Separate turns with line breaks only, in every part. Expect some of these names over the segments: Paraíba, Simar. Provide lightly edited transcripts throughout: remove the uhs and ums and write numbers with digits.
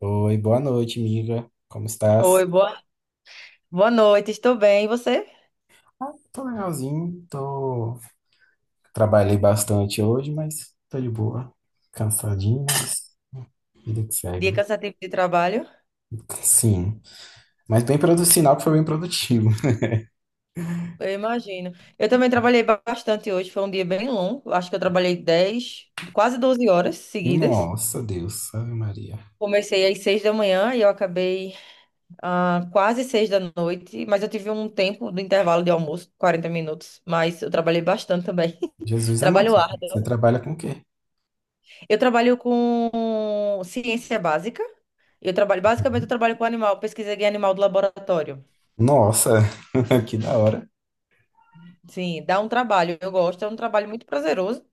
Oi, boa noite, amiga. Como estás?
Oi, boa noite, estou bem. E você?
Tô legalzinho, trabalhei bastante hoje, mas tô de boa. Cansadinho, mas vida que
Dia
segue.
cansativo de trabalho?
Sim, mas bem produtivo, sinal que foi bem produtivo.
Eu imagino. Eu também trabalhei bastante hoje, foi um dia bem longo. Acho que eu trabalhei 10, quase 12 horas seguidas.
Nossa, Deus, Ave Maria.
Comecei às 6 da manhã e eu acabei quase 6 da noite, mas eu tive um tempo do intervalo de almoço, 40 minutos, mas eu trabalhei bastante também.
Jesus amado,
Trabalho
você
árduo.
trabalha com o quê?
Eu trabalho com ciência básica. Eu trabalho, basicamente, eu trabalho com animal, pesquisa de animal do laboratório.
Nossa, que da hora.
Sim, dá um trabalho. Eu gosto, é um trabalho muito prazeroso,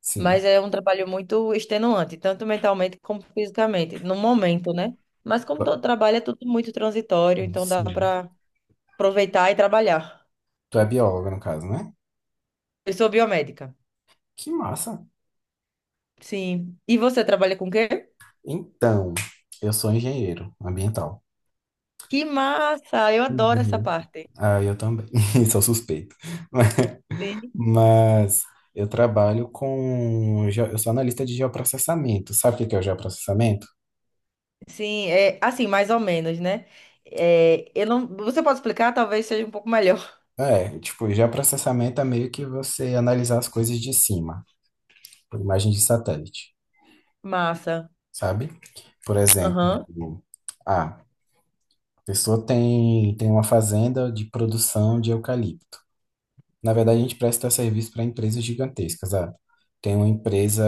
Sim,
mas é um trabalho muito extenuante, tanto mentalmente como fisicamente, no momento, né? Mas como todo trabalho é tudo muito transitório, então dá
sim.
para aproveitar e trabalhar.
Tu é bióloga, no caso, né?
Eu sou biomédica.
Que massa.
Sim. E você trabalha com o quê?
Então, eu sou engenheiro ambiental.
Que massa! Eu adoro essa
Uhum.
parte.
Ah, eu também, sou suspeito.
Sim,
Mas eu trabalho com Eu sou analista de geoprocessamento. Sabe o que que é o geoprocessamento?
sim, é assim, mais ou menos, né? É, eu não, você pode explicar, talvez seja um pouco melhor.
É, tipo, geoprocessamento é meio que você analisar as coisas de cima, por imagem de satélite,
Massa.
sabe? Por exemplo,
Aham.
ah, a pessoa tem uma fazenda de produção de eucalipto. Na verdade, a gente presta serviço para empresas gigantescas. Ah, tem uma empresa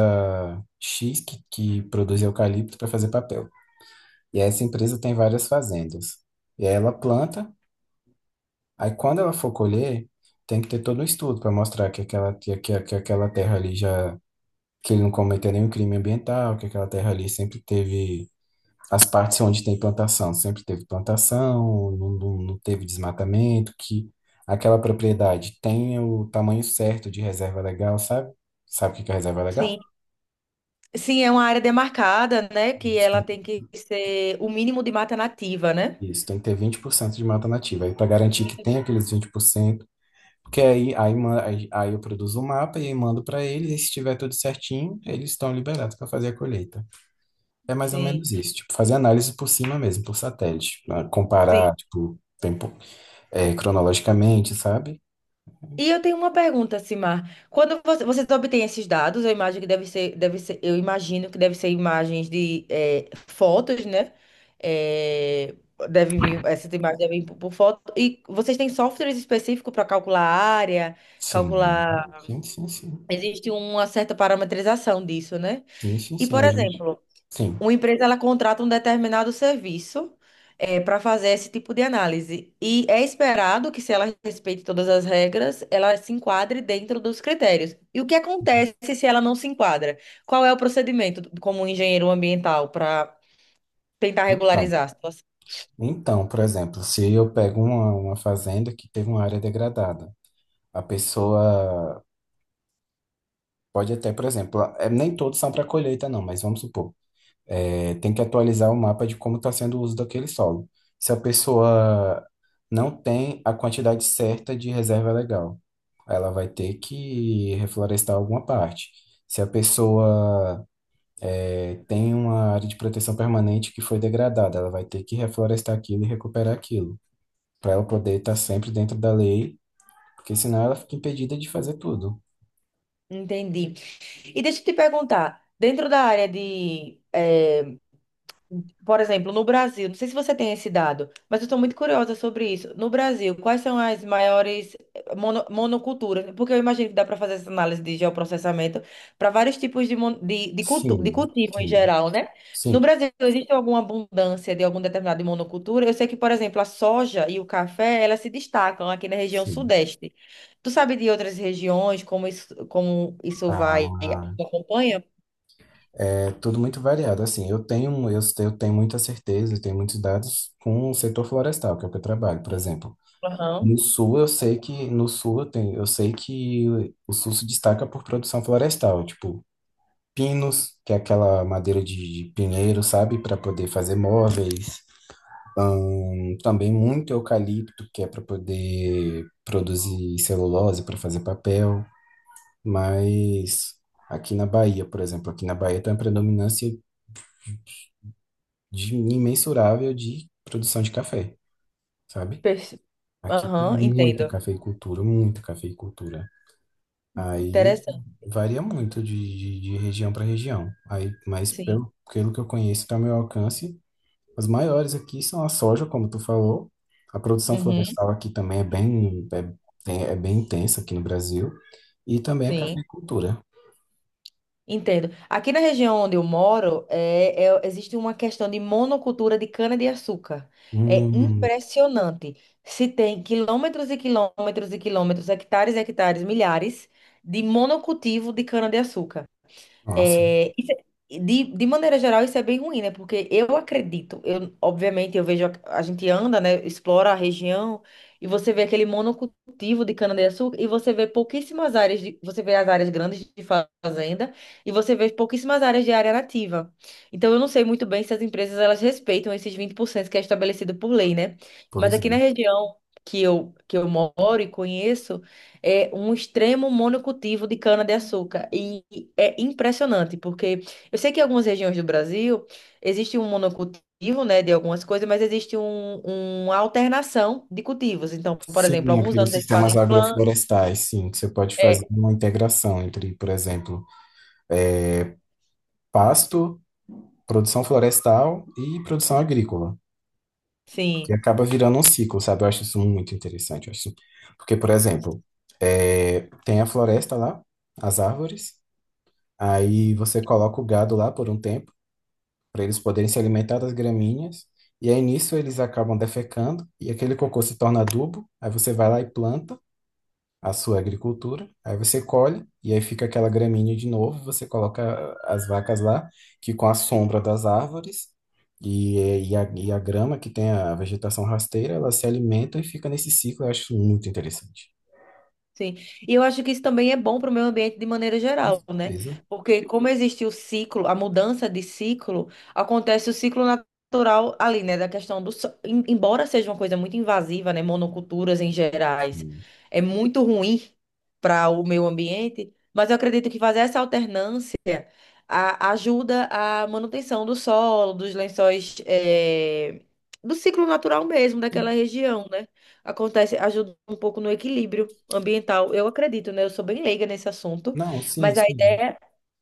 X que produz eucalipto para fazer papel. E essa empresa tem várias fazendas. E aí ela planta, aí quando ela for colher, tem que ter todo um estudo para mostrar que aquela terra ali já. Que ele não cometeu nenhum crime ambiental, que aquela terra ali sempre teve as partes onde tem plantação, sempre teve plantação, não teve desmatamento, que aquela propriedade tenha o tamanho certo de reserva legal, sabe? Sabe o que que é reserva legal?
Sim. Sim, é uma área demarcada, né? Que
Isso,
ela
tem
tem que ser o mínimo de mata nativa, né?
isso, tem que ter 20% de mata nativa, aí para garantir que tem aqueles 20%, porque aí eu produzo o mapa e aí mando para eles, e se estiver tudo certinho, eles estão liberados para fazer a colheita. É mais ou
Sim,
menos isso, tipo, fazer análise por cima mesmo, por satélite, pra
sim.
comparar, tipo, tempo, cronologicamente, sabe?
E eu tenho uma pergunta, Simar. Quando você, vocês obtêm esses dados, eu imagino que deve ser imagens de fotos, né? Eh, Deve vir, essas imagens devem vir por foto. E vocês têm softwares específicos para calcular a área,
Sim,
calcular.
sim, sim, sim.
Existe uma certa parametrização disso, né?
Sim, sim,
E,
sim,
por
a gente.
exemplo,
Sim.
uma empresa ela contrata um determinado serviço para fazer esse tipo de análise. E é esperado que, se ela respeite todas as regras, ela se enquadre dentro dos critérios. E o que acontece se ela não se enquadra? Qual é o procedimento como um engenheiro ambiental para tentar
Então,
regularizar a situação?
então, por exemplo, se eu pego uma fazenda que teve uma área degradada, a pessoa pode até, por exemplo, nem todos são para colheita, não, mas vamos supor, tem que atualizar o mapa de como está sendo o uso daquele solo. Se a pessoa não tem a quantidade certa de reserva legal, ela vai ter que reflorestar alguma parte. Se a pessoa tem uma área de proteção permanente que foi degradada, ela vai ter que reflorestar aquilo e recuperar aquilo, para ela poder estar sempre dentro da lei, porque senão ela fica impedida de fazer tudo.
Entendi. E deixa eu te perguntar, dentro da área de por exemplo, no Brasil, não sei se você tem esse dado, mas eu estou muito curiosa sobre isso. No Brasil, quais são as maiores eh, mono- monoculturas? Porque eu imagino que dá para fazer essa análise de geoprocessamento para vários tipos de, mon- de, cultu- de
Sim,
cultivo em
sim,
geral, né? No
sim,
Brasil, existe alguma abundância de algum determinado monocultura? Eu sei que, por exemplo, a soja e o café, elas se destacam aqui na região
sim.
sudeste. Tu sabe de outras regiões, como isso
Ah,
vai, acompanha?
é tudo muito variado. Assim, eu tenho muita certeza, eu tenho muitos dados com o setor florestal, que é o que eu trabalho, por exemplo.
Aham.
No sul eu sei que No sul eu tenho, eu sei que o sul se destaca por produção florestal, tipo pinos, que é aquela madeira de pinheiro, sabe, para poder fazer móveis. E também muito eucalipto, que é para poder produzir celulose, para fazer papel. Mas aqui na Bahia tem uma predominância imensurável de produção de café, sabe?
Perce-.
Aqui tem
Aham,
muita
entendo.
cafeicultura, muita cafeicultura. Aí
Interessante,
varia muito de região para região. Aí, mas
sim.
pelo que eu conheço, está ao meu alcance, as maiores aqui são a soja, como tu falou. A produção
Uhum,
florestal aqui também é bem, é bem intensa aqui no Brasil. E também a
sim,
cafeicultura.
entendo. Aqui na região onde eu moro, existe uma questão de monocultura de cana-de-açúcar. É
Hum,
impressionante. Se tem quilômetros e quilômetros e quilômetros, hectares e hectares, milhares de monocultivo de cana-de-açúcar.
nossa,
É. De maneira geral, isso é bem ruim, né? Porque eu acredito, eu, obviamente, eu vejo, a gente anda, né? Explora a região e você vê aquele monocultivo de cana-de-açúcar e você vê pouquíssimas áreas, de, você vê as áreas grandes de fazenda e você vê pouquíssimas áreas de área nativa. Então, eu não sei muito bem se as empresas, elas respeitam esses 20% que é estabelecido por lei, né? Mas
pois é.
aqui na região que eu moro e conheço, é um extremo monocultivo de cana-de-açúcar. E é impressionante, porque eu sei que em algumas regiões do Brasil existe um monocultivo, né, de algumas coisas, mas existe um, uma alternação de cultivos. Então, por exemplo,
Sim,
alguns
aqueles
anos eles
sistemas
fazem planta.
agroflorestais, sim, que você pode fazer
É,
uma integração entre, por exemplo, é, pasto, produção florestal e produção agrícola. E
sim.
acaba virando um ciclo, sabe? Eu acho isso muito interessante, eu acho. Porque, por exemplo, tem a floresta lá, as árvores, aí você coloca o gado lá por um tempo, para eles poderem se alimentar das graminhas. E aí nisso eles acabam defecando e aquele cocô se torna adubo. Aí você vai lá e planta a sua agricultura. Aí você colhe e aí fica aquela graminha de novo. Você coloca as vacas lá, que com a sombra das árvores e, e a grama que tem a vegetação rasteira, elas se alimentam e fica nesse ciclo. Eu acho muito interessante.
Sim. E eu acho que isso também é bom para o meio ambiente de maneira
Com
geral, né?
certeza.
Porque como existe o ciclo, a mudança de ciclo, acontece o ciclo natural ali, né? Da questão do solo. Embora seja uma coisa muito invasiva, né? Monoculturas em gerais,
Sim.
é muito ruim para o meio ambiente, mas eu acredito que fazer essa alternância ajuda a manutenção do solo, dos lençóis, do ciclo natural mesmo daquela região, né? Acontece, ajuda um pouco no equilíbrio ambiental. Eu acredito, né? Eu sou bem leiga nesse assunto,
Não, sim,
mas a
sim.
ideia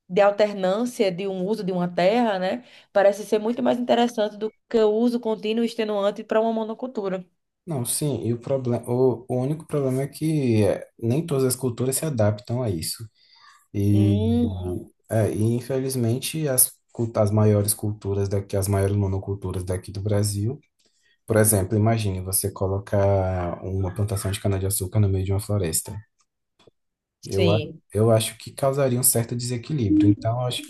de alternância de um uso de uma terra, né, parece ser muito mais interessante do que o uso contínuo e extenuante para uma monocultura.
Não, sim, e o problema, o único problema é que nem todas as culturas se adaptam a isso. E,
Hum,
e infelizmente, as maiores culturas daqui, as maiores monoculturas daqui do Brasil, por exemplo, imagine você colocar uma plantação de cana-de-açúcar no meio de uma floresta. Eu, a-
sim,
eu acho que causaria um certo desequilíbrio. Então, eu acho que,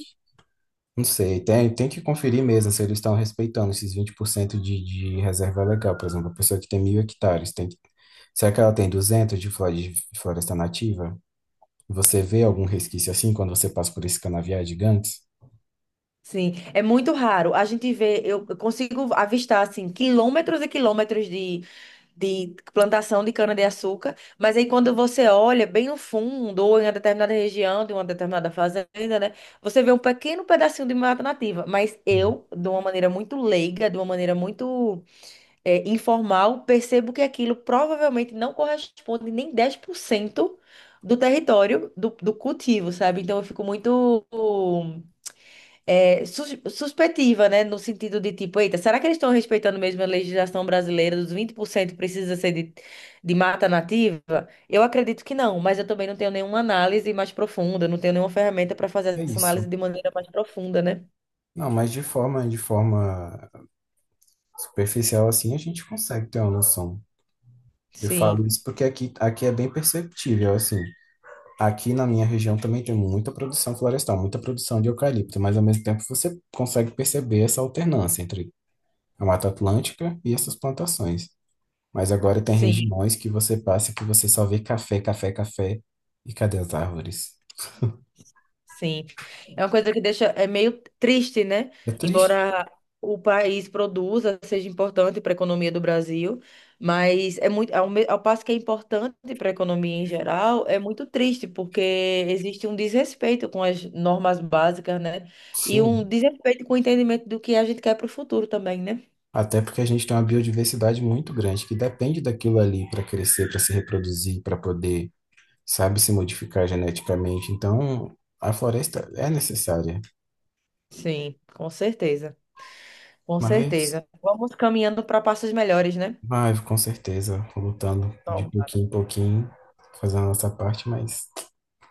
não sei, tem que conferir mesmo se eles estão respeitando esses 20% de reserva legal. Por exemplo, a pessoa que tem 1.000 hectares tem. Será que ela tem 200 de floresta nativa? Você vê algum resquício assim quando você passa por esses canaviais gigantes?
sim. É muito raro. A gente vê, eu consigo avistar assim quilômetros e quilômetros de plantação de cana-de-açúcar, mas aí quando você olha bem no fundo, ou em uma determinada região de uma determinada fazenda, né, você vê um pequeno pedacinho de mata nativa. Mas
Hum,
eu, de uma maneira muito leiga, de uma maneira muito informal, percebo que aquilo provavelmente não corresponde nem 10% do território do cultivo, sabe? Então eu fico muito suspeitiva, né? No sentido de tipo, eita, será que eles estão respeitando mesmo a legislação brasileira dos 20% precisa ser de, mata nativa? Eu acredito que não, mas eu também não tenho nenhuma análise mais profunda, não tenho nenhuma ferramenta para fazer
É
essa
isso.
análise de maneira mais profunda, né?
Não, mas de forma superficial assim, a gente consegue ter uma noção. Eu
Sim,
falo isso porque aqui é bem perceptível, assim. Aqui na minha região também tem muita produção florestal, muita produção de eucalipto, mas ao mesmo tempo você consegue perceber essa alternância entre a Mata Atlântica e essas plantações. Mas agora tem
sim.
regiões que você passa que você só vê café, café, café. E cadê as árvores?
Sim. É uma coisa que deixa é meio triste, né?
É triste,
Embora o país produza, seja importante para a economia do Brasil, mas é muito ao passo que é importante para a economia em geral, é muito triste porque existe um desrespeito com as normas básicas, né? E um
sim.
desrespeito com o entendimento do que a gente quer para o futuro também, né?
Até porque a gente tem uma biodiversidade muito grande que depende daquilo ali para crescer, para se reproduzir, para poder, sabe, se modificar geneticamente. Então, a floresta é necessária.
Sim, com certeza. Com
Mas,
certeza. Vamos caminhando para passos melhores, né?
vai, com certeza, lutando de
Tomara.
pouquinho em pouquinho, fazendo a nossa parte, mas.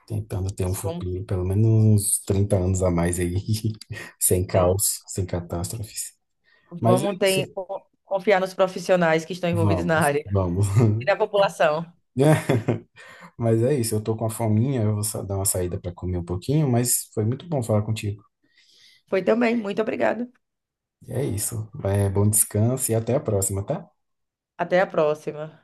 Tentando ter um
Isso, vamos
futuro, pelo menos uns 30 anos a mais aí, sem
sim.
caos, sem catástrofes. Mas é
Vamos
isso.
ter, confiar nos profissionais que estão envolvidos na
Vamos,
área
vamos.
e na população.
Mas é isso, eu tô com a fominha, eu vou dar uma saída para comer um pouquinho, mas foi muito bom falar contigo.
Foi também, muito obrigada.
É isso. É, bom descanso e até a próxima, tá?
Até a próxima.